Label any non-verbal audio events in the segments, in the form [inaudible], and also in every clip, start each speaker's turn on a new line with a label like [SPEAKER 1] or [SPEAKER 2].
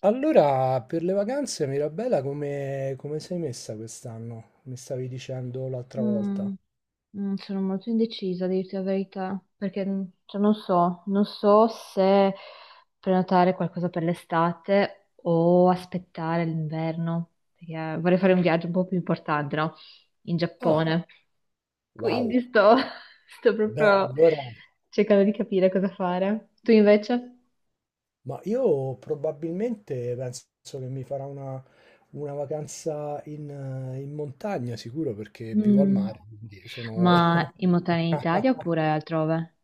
[SPEAKER 1] Allora, per le vacanze, Mirabella, come sei messa quest'anno? Mi stavi dicendo l'altra
[SPEAKER 2] Mm,
[SPEAKER 1] volta.
[SPEAKER 2] Sono molto indecisa, a dirti la verità, perché cioè, non so se prenotare qualcosa per l'estate o aspettare l'inverno, perché vorrei fare un viaggio un po' più importante, no? In
[SPEAKER 1] Ah,
[SPEAKER 2] Giappone.
[SPEAKER 1] wow.
[SPEAKER 2] Quindi sto, [laughs] sto
[SPEAKER 1] Beh,
[SPEAKER 2] proprio
[SPEAKER 1] allora,
[SPEAKER 2] cercando di capire cosa fare. Tu invece?
[SPEAKER 1] ma io probabilmente penso che mi farà una vacanza in, in montagna, sicuro, perché vivo al
[SPEAKER 2] Mm,
[SPEAKER 1] mare, quindi sono...
[SPEAKER 2] Ma in montagna in Italia
[SPEAKER 1] [laughs]
[SPEAKER 2] oppure altrove?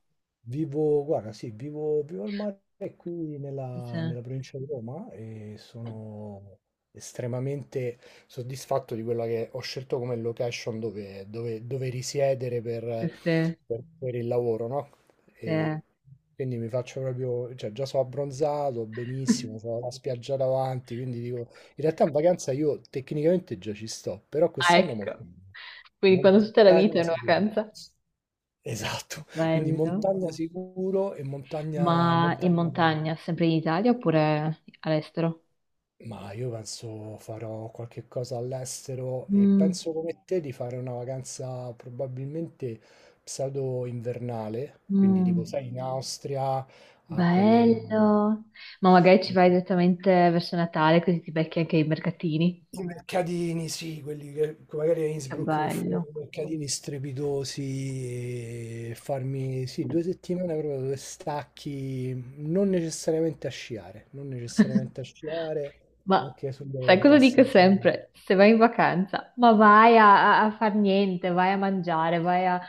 [SPEAKER 1] Vivo, guarda, sì, vivo al mare qui
[SPEAKER 2] Sì, sì,
[SPEAKER 1] nella, nella provincia di Roma e sono estremamente soddisfatto di quella che ho scelto come location dove risiedere
[SPEAKER 2] sì,
[SPEAKER 1] per,
[SPEAKER 2] sì,
[SPEAKER 1] per il lavoro, no?
[SPEAKER 2] sì.
[SPEAKER 1] E quindi mi faccio proprio, cioè già sono abbronzato, benissimo,
[SPEAKER 2] [laughs]
[SPEAKER 1] ho la spiaggia davanti, quindi dico, in realtà in vacanza io tecnicamente già ci sto, però
[SPEAKER 2] Ah,
[SPEAKER 1] quest'anno
[SPEAKER 2] ecco.
[SPEAKER 1] montagna,
[SPEAKER 2] Quindi quando tutta la vita è
[SPEAKER 1] montagna
[SPEAKER 2] una
[SPEAKER 1] sicuro.
[SPEAKER 2] vacanza.
[SPEAKER 1] Esatto, quindi
[SPEAKER 2] Bello.
[SPEAKER 1] montagna sicuro e montagna
[SPEAKER 2] Ma in
[SPEAKER 1] montagna
[SPEAKER 2] montagna, sempre in Italia oppure all'estero?
[SPEAKER 1] ma io penso farò qualche cosa all'estero e
[SPEAKER 2] Mm,
[SPEAKER 1] penso come te di fare una vacanza probabilmente pseudo invernale, quindi tipo
[SPEAKER 2] mm,
[SPEAKER 1] sai in Austria a quelle
[SPEAKER 2] bello. Ma magari ci vai direttamente verso Natale, così ti becchi anche i mercatini.
[SPEAKER 1] I mercatini, sì, quelli che magari a
[SPEAKER 2] Che
[SPEAKER 1] Innsbruck che fanno
[SPEAKER 2] bello.
[SPEAKER 1] quei mercatini strepitosi, e farmi sì, due settimane proprio dove stacchi, non necessariamente a sciare, non necessariamente a
[SPEAKER 2] [laughs]
[SPEAKER 1] sciare,
[SPEAKER 2] Ma
[SPEAKER 1] anche
[SPEAKER 2] sai
[SPEAKER 1] solo
[SPEAKER 2] cosa dico
[SPEAKER 1] passeggiare.
[SPEAKER 2] sempre? Se vai in vacanza, ma vai a far niente, vai a mangiare, vai a,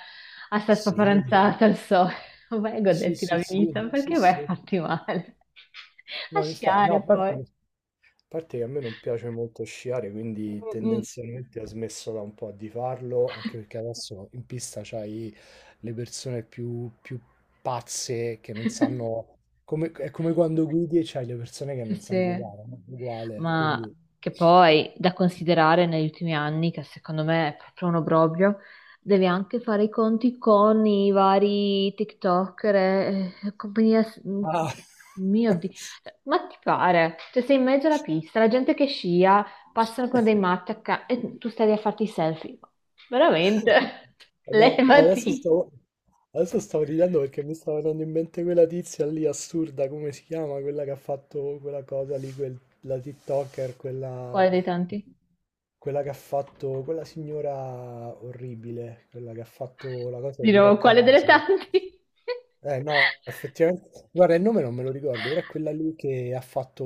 [SPEAKER 2] a stare
[SPEAKER 1] Sì,
[SPEAKER 2] spaparanzata al sole, [laughs] vai a
[SPEAKER 1] sì,
[SPEAKER 2] goderti
[SPEAKER 1] sì,
[SPEAKER 2] la
[SPEAKER 1] sì,
[SPEAKER 2] vita,
[SPEAKER 1] sì,
[SPEAKER 2] perché vai a
[SPEAKER 1] sì.
[SPEAKER 2] farti male? [laughs] A
[SPEAKER 1] No, infatti, no,
[SPEAKER 2] sciare
[SPEAKER 1] a parte
[SPEAKER 2] poi.
[SPEAKER 1] A parte che a me non piace molto sciare, quindi
[SPEAKER 2] Mm, mm.
[SPEAKER 1] tendenzialmente ho smesso da un po' di farlo, anche perché adesso in pista c'hai le persone più pazze che non
[SPEAKER 2] [laughs]
[SPEAKER 1] sanno... come- è come quando guidi e c'hai le persone che
[SPEAKER 2] Sì,
[SPEAKER 1] non sanno
[SPEAKER 2] sì.
[SPEAKER 1] guidare, no? Uguale,
[SPEAKER 2] Ma
[SPEAKER 1] quindi...
[SPEAKER 2] che poi da considerare negli ultimi anni, che secondo me è proprio un obbrobrio, devi anche fare i conti con i vari TikToker e compagnia.
[SPEAKER 1] Ah.
[SPEAKER 2] Mio Dio,
[SPEAKER 1] [laughs]
[SPEAKER 2] ma ti pare? Cioè, sei in mezzo alla pista, la gente che scia, passano con dei matti e tu stai lì a farti i selfie. Veramente? [laughs]
[SPEAKER 1] No,
[SPEAKER 2] Levati.
[SPEAKER 1] adesso stavo ridendo perché mi stava venendo in mente quella tizia lì assurda, come si chiama? Quella che ha fatto quella cosa lì, quel- la TikToker, quella,
[SPEAKER 2] Quale dei tanti?
[SPEAKER 1] quella che ha fatto, quella signora orribile, quella che ha fatto la cosa
[SPEAKER 2] Di
[SPEAKER 1] di
[SPEAKER 2] nuovo,
[SPEAKER 1] Rocca
[SPEAKER 2] quale delle
[SPEAKER 1] Raso.
[SPEAKER 2] tanti?
[SPEAKER 1] Eh no, effettivamente. Guarda, il nome non me lo ricordo, però è quella lì che ha fatto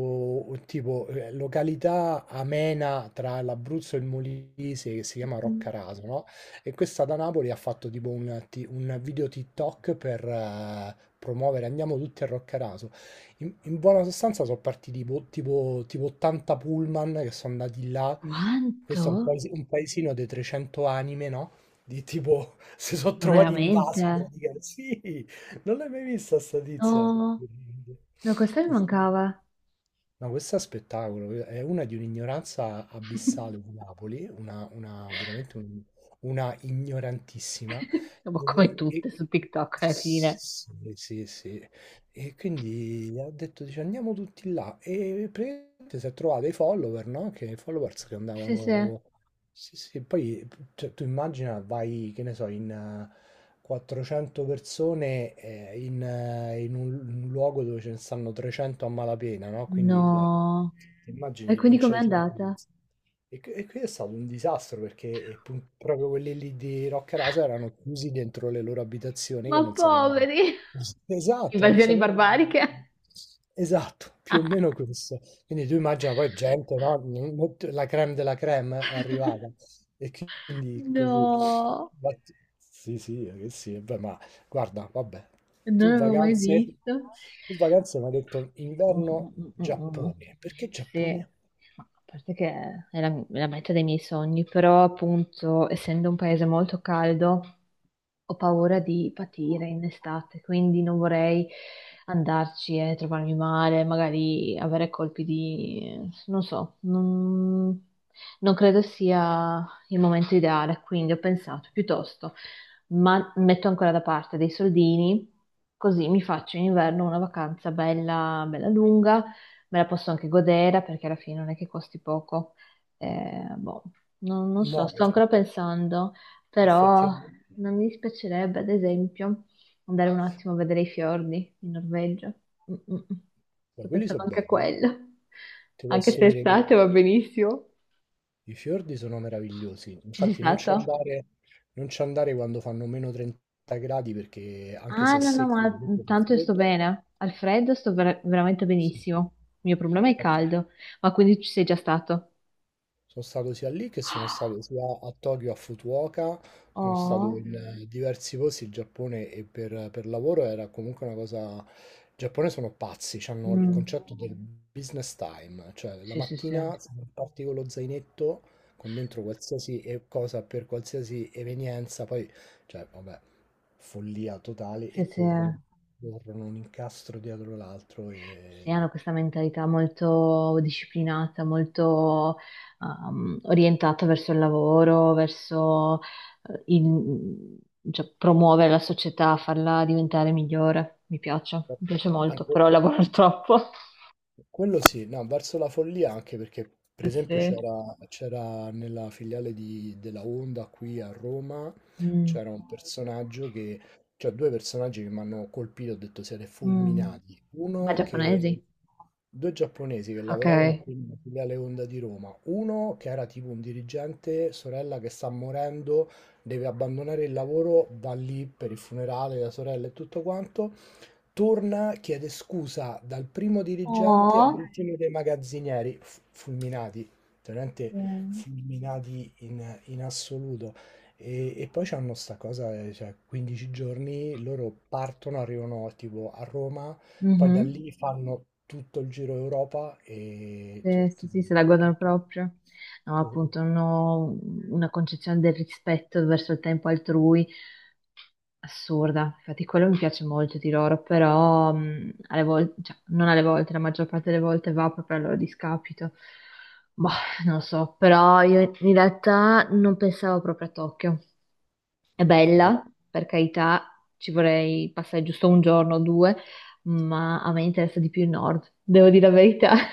[SPEAKER 1] un tipo località amena tra l'Abruzzo e il Molise che si chiama Roccaraso,
[SPEAKER 2] [laughs]
[SPEAKER 1] no? E questa da Napoli ha fatto tipo un, un video TikTok per promuovere andiamo tutti a Roccaraso. In buona sostanza sono partiti tipo 80 pullman che sono andati là.
[SPEAKER 2] Quanto?
[SPEAKER 1] Questo è un, un paesino di 300 anime, no? Di tipo [laughs] si sono
[SPEAKER 2] Ma
[SPEAKER 1] trovati invasi
[SPEAKER 2] veramente?
[SPEAKER 1] praticamente. Sì. Non l'hai mai vista sta tizia?
[SPEAKER 2] No, no, questa mi mancava.
[SPEAKER 1] No, questo è spettacolo, è una di un'ignoranza abissale di
[SPEAKER 2] [laughs]
[SPEAKER 1] Napoli, veramente un- una ignorantissima.
[SPEAKER 2] Ma come
[SPEAKER 1] E-
[SPEAKER 2] tutte su TikTok alla fine.
[SPEAKER 1] sì, sì, sì. E quindi ho detto, dice, andiamo tutti là. E praticamente si è trovato i follower, no? Che i followers che
[SPEAKER 2] Sì, sì.
[SPEAKER 1] andavano... Sì, sì, poi cioè, tu immagina, vai, che ne so, in 400 persone in, in un luogo dove ce ne stanno 300 a malapena, no? Quindi, cioè,
[SPEAKER 2] No.
[SPEAKER 1] ti
[SPEAKER 2] E
[SPEAKER 1] immagini, non
[SPEAKER 2] quindi com'è
[SPEAKER 1] c'hai
[SPEAKER 2] andata?
[SPEAKER 1] servizi. E, que- e qui è stato un disastro perché proprio quelli lì di Rocca Rasa erano chiusi dentro le loro abitazioni che
[SPEAKER 2] Ma
[SPEAKER 1] non sapevano.
[SPEAKER 2] poveri!
[SPEAKER 1] Esatto, non
[SPEAKER 2] Invasioni
[SPEAKER 1] sapevano.
[SPEAKER 2] barbariche?
[SPEAKER 1] Esatto, più o meno
[SPEAKER 2] [laughs]
[SPEAKER 1] questo. Quindi tu immagina poi gente, no? Non- non- La creme della creme è arrivata. E quindi così.
[SPEAKER 2] No,
[SPEAKER 1] Ma- Sì, sì, che sì, beh, ma guarda, vabbè,
[SPEAKER 2] non
[SPEAKER 1] tu
[SPEAKER 2] l'avevo mai
[SPEAKER 1] vacanze,
[SPEAKER 2] visto.
[SPEAKER 1] tu vacanze mi hai detto
[SPEAKER 2] Mm,
[SPEAKER 1] inverno
[SPEAKER 2] mm, mm, mm.
[SPEAKER 1] Giappone, perché
[SPEAKER 2] Sì,
[SPEAKER 1] Giappone?
[SPEAKER 2] ma a parte che è la meta dei miei sogni, però appunto, essendo un paese molto caldo, ho paura di patire in estate, quindi non vorrei andarci e trovarmi male, magari avere colpi di non so, non credo sia il momento ideale, quindi ho pensato piuttosto ma metto ancora da parte dei soldini, così mi faccio in inverno una vacanza bella, bella lunga, me la posso anche godere perché alla fine non è che costi poco. Boh, non so,
[SPEAKER 1] No,
[SPEAKER 2] sto ancora pensando, però
[SPEAKER 1] Effettivamente.
[SPEAKER 2] non mi dispiacerebbe, ad esempio, andare un attimo a vedere i fiordi in Norvegia. Mm, mm, mm.
[SPEAKER 1] Beh,
[SPEAKER 2] Sto
[SPEAKER 1] quelli
[SPEAKER 2] pensando
[SPEAKER 1] sono
[SPEAKER 2] anche a
[SPEAKER 1] belli, quelli-
[SPEAKER 2] quello,
[SPEAKER 1] ti
[SPEAKER 2] anche
[SPEAKER 1] posso
[SPEAKER 2] se è
[SPEAKER 1] dire che
[SPEAKER 2] estate va benissimo.
[SPEAKER 1] i fiordi sono meravigliosi.
[SPEAKER 2] Ci sei
[SPEAKER 1] Infatti non ci
[SPEAKER 2] stato?
[SPEAKER 1] andare, non ci andare quando fanno meno 30 gradi perché anche
[SPEAKER 2] Ah,
[SPEAKER 1] se è
[SPEAKER 2] no, no,
[SPEAKER 1] secco
[SPEAKER 2] ma
[SPEAKER 1] comunque fa
[SPEAKER 2] tanto io sto
[SPEAKER 1] freddo.
[SPEAKER 2] bene. Al freddo sto veramente
[SPEAKER 1] Sì.
[SPEAKER 2] benissimo. Il mio problema è il caldo. Ma quindi ci sei già stato?
[SPEAKER 1] Sono stato sia lì che sono stato sia a Tokyo, a Fukuoka, sono stato
[SPEAKER 2] Oh,
[SPEAKER 1] in Mm. diversi posti in Giappone e per lavoro era comunque una cosa... In Giappone sono pazzi, hanno il
[SPEAKER 2] mm.
[SPEAKER 1] concetto del business time, cioè la
[SPEAKER 2] Sì, sì, sì.
[SPEAKER 1] mattina se non parti con lo zainetto, con dentro qualsiasi cosa per qualsiasi evenienza, poi, cioè, vabbè, follia totale
[SPEAKER 2] Sì,
[SPEAKER 1] e
[SPEAKER 2] sì.
[SPEAKER 1] corrono, corrono un incastro dietro l'altro
[SPEAKER 2] Sì, hanno
[SPEAKER 1] e...
[SPEAKER 2] questa mentalità molto disciplinata, molto orientata verso il lavoro, verso eh, il- cioè, promuovere la società, farla diventare migliore. Mi piace molto,
[SPEAKER 1] Anche...
[SPEAKER 2] però lavoro [laughs] troppo.
[SPEAKER 1] Quello sì, no, verso la follia anche perché per
[SPEAKER 2] Sì,
[SPEAKER 1] esempio
[SPEAKER 2] sì.
[SPEAKER 1] c'era nella filiale della Honda qui a Roma,
[SPEAKER 2] Mm,
[SPEAKER 1] c'era un personaggio che, cioè due personaggi che mi hanno colpito, ho detto siete
[SPEAKER 2] mm.
[SPEAKER 1] fulminati.
[SPEAKER 2] Ma
[SPEAKER 1] Uno che,
[SPEAKER 2] giapponesi?
[SPEAKER 1] due giapponesi che
[SPEAKER 2] Ok.
[SPEAKER 1] lavoravano qui nella filiale Honda di Roma, uno che era tipo un dirigente, sorella che sta morendo, deve abbandonare il lavoro, va lì per il funerale della sorella e tutto quanto. Torna, chiede scusa dal primo dirigente
[SPEAKER 2] Oh,
[SPEAKER 1] all'ultimo dei magazzinieri, fulminati, veramente
[SPEAKER 2] eh,
[SPEAKER 1] fulminati in, in assoluto. E poi c'hanno sta cosa, cioè 15 giorni, loro partono, arrivano tipo a Roma, poi da
[SPEAKER 2] mhm.
[SPEAKER 1] lì fanno tutto il giro Europa e cioè,
[SPEAKER 2] Sì, sì,
[SPEAKER 1] tu-
[SPEAKER 2] sì, se la
[SPEAKER 1] che-
[SPEAKER 2] guardano
[SPEAKER 1] che-
[SPEAKER 2] proprio. No,
[SPEAKER 1] cosa-
[SPEAKER 2] appunto, non ho una concezione del rispetto verso il tempo altrui assurda. Infatti, quello mi piace molto di loro, però alle volte, cioè, non alle volte, la maggior parte delle volte va proprio al loro discapito. Boh, non lo so, però io in realtà non pensavo proprio a Tokyo. È
[SPEAKER 1] no,
[SPEAKER 2] bella, per carità, ci vorrei passare giusto un giorno o due, ma a me interessa di più il nord, devo dire la verità. [laughs]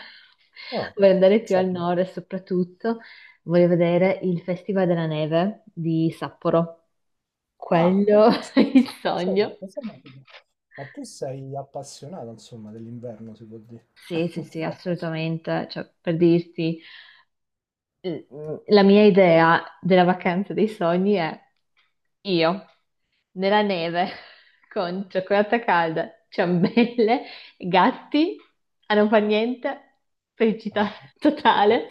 [SPEAKER 1] ah,
[SPEAKER 2] Vorrei andare più
[SPEAKER 1] cioè,
[SPEAKER 2] al nord e soprattutto voglio vedere il Festival della Neve di Sapporo.
[SPEAKER 1] Ah, beh,
[SPEAKER 2] Quello [laughs]
[SPEAKER 1] questa-
[SPEAKER 2] è il sogno.
[SPEAKER 1] questa è una cosa. Ma tu sei appassionato, insomma, dell'inverno, si può dire.
[SPEAKER 2] Sì, sì, sì,
[SPEAKER 1] [laughs]
[SPEAKER 2] assolutamente. Cioè, per dirti, la mia idea della vacanza dei sogni è io nella neve [laughs] con cioccolata calda, ciambelle, gatti a non far niente,
[SPEAKER 1] Ah,
[SPEAKER 2] felicità
[SPEAKER 1] quello
[SPEAKER 2] totale.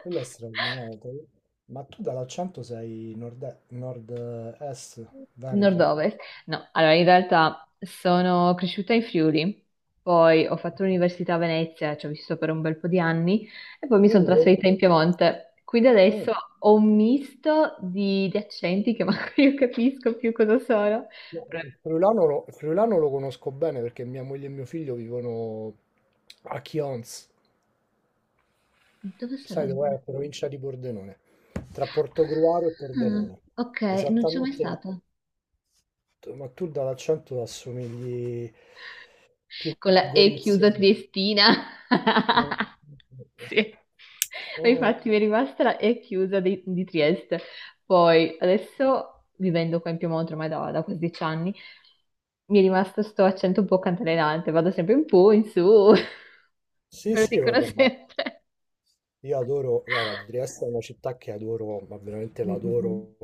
[SPEAKER 1] quello è straordinario. Te- Ma tu dall'accento sei nord, nord-est, Veneto?
[SPEAKER 2] Nord-ovest? No, allora in realtà sono cresciuta in Friuli, poi ho fatto l'università a Venezia, ci ho vissuto per un bel po' di anni e poi mi
[SPEAKER 1] Io
[SPEAKER 2] sono
[SPEAKER 1] li devo-
[SPEAKER 2] trasferita in Piemonte. Quindi
[SPEAKER 1] Mm.
[SPEAKER 2] adesso ho un misto di accenti che [laughs] manco io capisco più cosa sono. Però-
[SPEAKER 1] Il friulano lo conosco bene perché mia moglie e mio figlio vivono a Chions.
[SPEAKER 2] Dove
[SPEAKER 1] Sai
[SPEAKER 2] sarebbe?
[SPEAKER 1] dov'è? La provincia di Pordenone, tra Portogruaro e
[SPEAKER 2] Ah,
[SPEAKER 1] Pordenone.
[SPEAKER 2] ok, non ci sono mai
[SPEAKER 1] Esattamente,
[SPEAKER 2] stata.
[SPEAKER 1] tu- ma tu dall'accento assomigli più
[SPEAKER 2] Con la E
[SPEAKER 1] Gorizia.
[SPEAKER 2] chiusa triestina.
[SPEAKER 1] No.
[SPEAKER 2] [laughs] Sì. E
[SPEAKER 1] Oh.
[SPEAKER 2] infatti mi è rimasta la E chiusa di Trieste. Poi adesso vivendo qua in Piemonte ormai da quasi 10 anni, mi è rimasto sto accento un po' cantalenante, vado sempre in po', in su, [laughs]
[SPEAKER 1] Sì,
[SPEAKER 2] me lo
[SPEAKER 1] sì,
[SPEAKER 2] dicono
[SPEAKER 1] vabbè, ma
[SPEAKER 2] sempre.
[SPEAKER 1] io adoro, guarda, Trieste è una città che adoro, ma veramente
[SPEAKER 2] Mm, mm,
[SPEAKER 1] l'adoro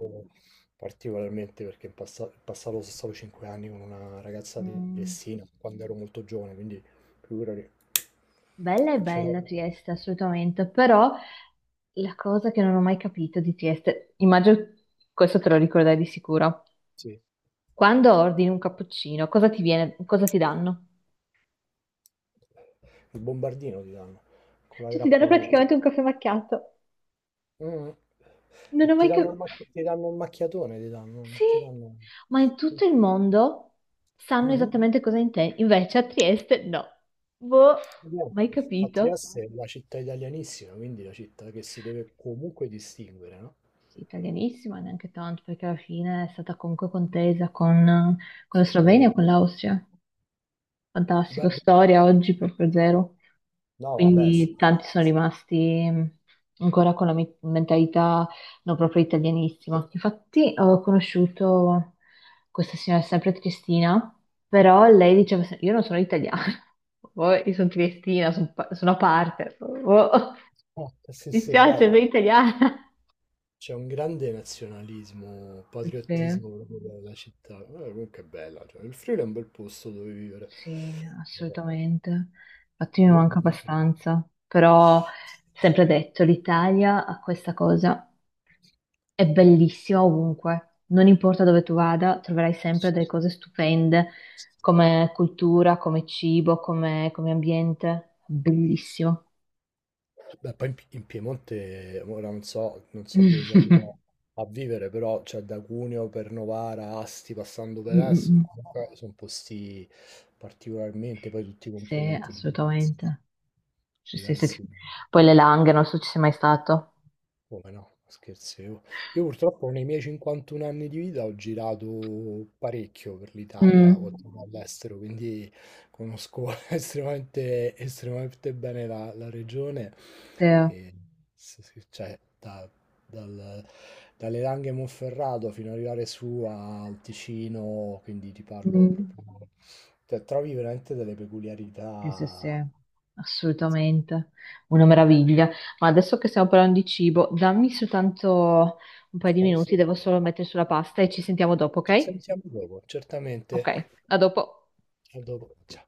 [SPEAKER 1] particolarmente perché in, passa- in passato sono stato 5 anni con una ragazza
[SPEAKER 2] mm,
[SPEAKER 1] di
[SPEAKER 2] mm.
[SPEAKER 1] Messina quando ero molto giovane, quindi figurati,
[SPEAKER 2] Bella è
[SPEAKER 1] ce l'ho,
[SPEAKER 2] bella Trieste, assolutamente, però la cosa che non ho mai capito di Trieste, immagino questo te lo ricorderai di sicuro.
[SPEAKER 1] sì,
[SPEAKER 2] Quando ordini un cappuccino, cosa ti viene, cosa ti danno?
[SPEAKER 1] il bombardino ti danno con la
[SPEAKER 2] Cioè, ti danno
[SPEAKER 1] grappa dentro.
[SPEAKER 2] praticamente un caffè macchiato.
[SPEAKER 1] Mm.
[SPEAKER 2] Non
[SPEAKER 1] E
[SPEAKER 2] ho
[SPEAKER 1] ti
[SPEAKER 2] mai
[SPEAKER 1] danno il,
[SPEAKER 2] capito.
[SPEAKER 1] ti danno il macchiatone, ti danno,
[SPEAKER 2] Sì,
[SPEAKER 1] non ti danno...
[SPEAKER 2] ma in tutto il mondo sanno
[SPEAKER 1] Mhm.
[SPEAKER 2] esattamente cosa intendi. Invece a Trieste no. Boh,
[SPEAKER 1] Vabbè,
[SPEAKER 2] mai
[SPEAKER 1] a
[SPEAKER 2] capito.
[SPEAKER 1] Trieste è la città italianissima, quindi la città che si deve comunque distinguere, no?
[SPEAKER 2] Sì, italianissima, neanche tanto, perché alla fine è stata comunque contesa con la Slovenia e
[SPEAKER 1] Sì.
[SPEAKER 2] con l'Austria. Fantastico,
[SPEAKER 1] Beh,
[SPEAKER 2] storia oggi proprio zero.
[SPEAKER 1] no, vabbè, s-
[SPEAKER 2] Quindi tanti sono rimasti ancora con la mentalità non proprio italianissima. Infatti ho conosciuto questa signora, sempre triestina, però lei diceva, io non sono italiana, [laughs] Oh, io sono triestina, sono a parte, oh,
[SPEAKER 1] ah,
[SPEAKER 2] [laughs]
[SPEAKER 1] sì,
[SPEAKER 2] mi
[SPEAKER 1] sì, beh,
[SPEAKER 2] dispiace, sono
[SPEAKER 1] ma
[SPEAKER 2] italiana.
[SPEAKER 1] c'è un grande nazionalismo,
[SPEAKER 2] Sì,
[SPEAKER 1] patriottismo proprio della città. Comunque è bella, cioè, il Friuli è un bel posto dove vivere.
[SPEAKER 2] sì,
[SPEAKER 1] Però
[SPEAKER 2] assolutamente. Infatti mi
[SPEAKER 1] non-
[SPEAKER 2] manca
[SPEAKER 1] non-
[SPEAKER 2] abbastanza, però sempre detto, l'Italia ha questa cosa. È bellissima ovunque, non importa dove tu vada, troverai sempre delle cose stupende come, cultura, come cibo, come ambiente. Bellissimo.
[SPEAKER 1] Beh, poi in, in Piemonte, ora non so, non so dove si andrà
[SPEAKER 2] [laughs]
[SPEAKER 1] a vivere, però cioè, da Cuneo per Novara, Asti, passando
[SPEAKER 2] Mm,
[SPEAKER 1] per Es,
[SPEAKER 2] mm,
[SPEAKER 1] comunque sono posti particolarmente, poi tutti
[SPEAKER 2] sì,
[SPEAKER 1] completamente diversi.
[SPEAKER 2] assolutamente. Cioè, sì, sì.
[SPEAKER 1] Diversi.
[SPEAKER 2] Poi le Langhe, non so se ci sei mai stato.
[SPEAKER 1] Come no, scherzi. Io purtroppo nei miei 51 anni di vita ho girato parecchio per l'Italia,
[SPEAKER 2] Mm.
[SPEAKER 1] oltre che all'estero, quindi conosco [laughs] estremamente, estremamente bene la, la regione.
[SPEAKER 2] Sì,
[SPEAKER 1] E s- s- cioè, da- dal- dalle Langhe Monferrato fino ad arrivare su al Ticino, quindi ti parlo
[SPEAKER 2] Mm,
[SPEAKER 1] proprio... Cioè, trovi veramente delle
[SPEAKER 2] sì, sì, sì,
[SPEAKER 1] peculiarità.
[SPEAKER 2] assolutamente. Una meraviglia. Ma adesso che stiamo parlando di cibo, dammi soltanto un paio di
[SPEAKER 1] Stai
[SPEAKER 2] minuti, devo
[SPEAKER 1] sereno.
[SPEAKER 2] solo mettere sulla pasta e ci sentiamo dopo,
[SPEAKER 1] Ci
[SPEAKER 2] ok?
[SPEAKER 1] sentiamo dopo,
[SPEAKER 2] Ok,
[SPEAKER 1] certamente.
[SPEAKER 2] a dopo.
[SPEAKER 1] A dopo. Ciao.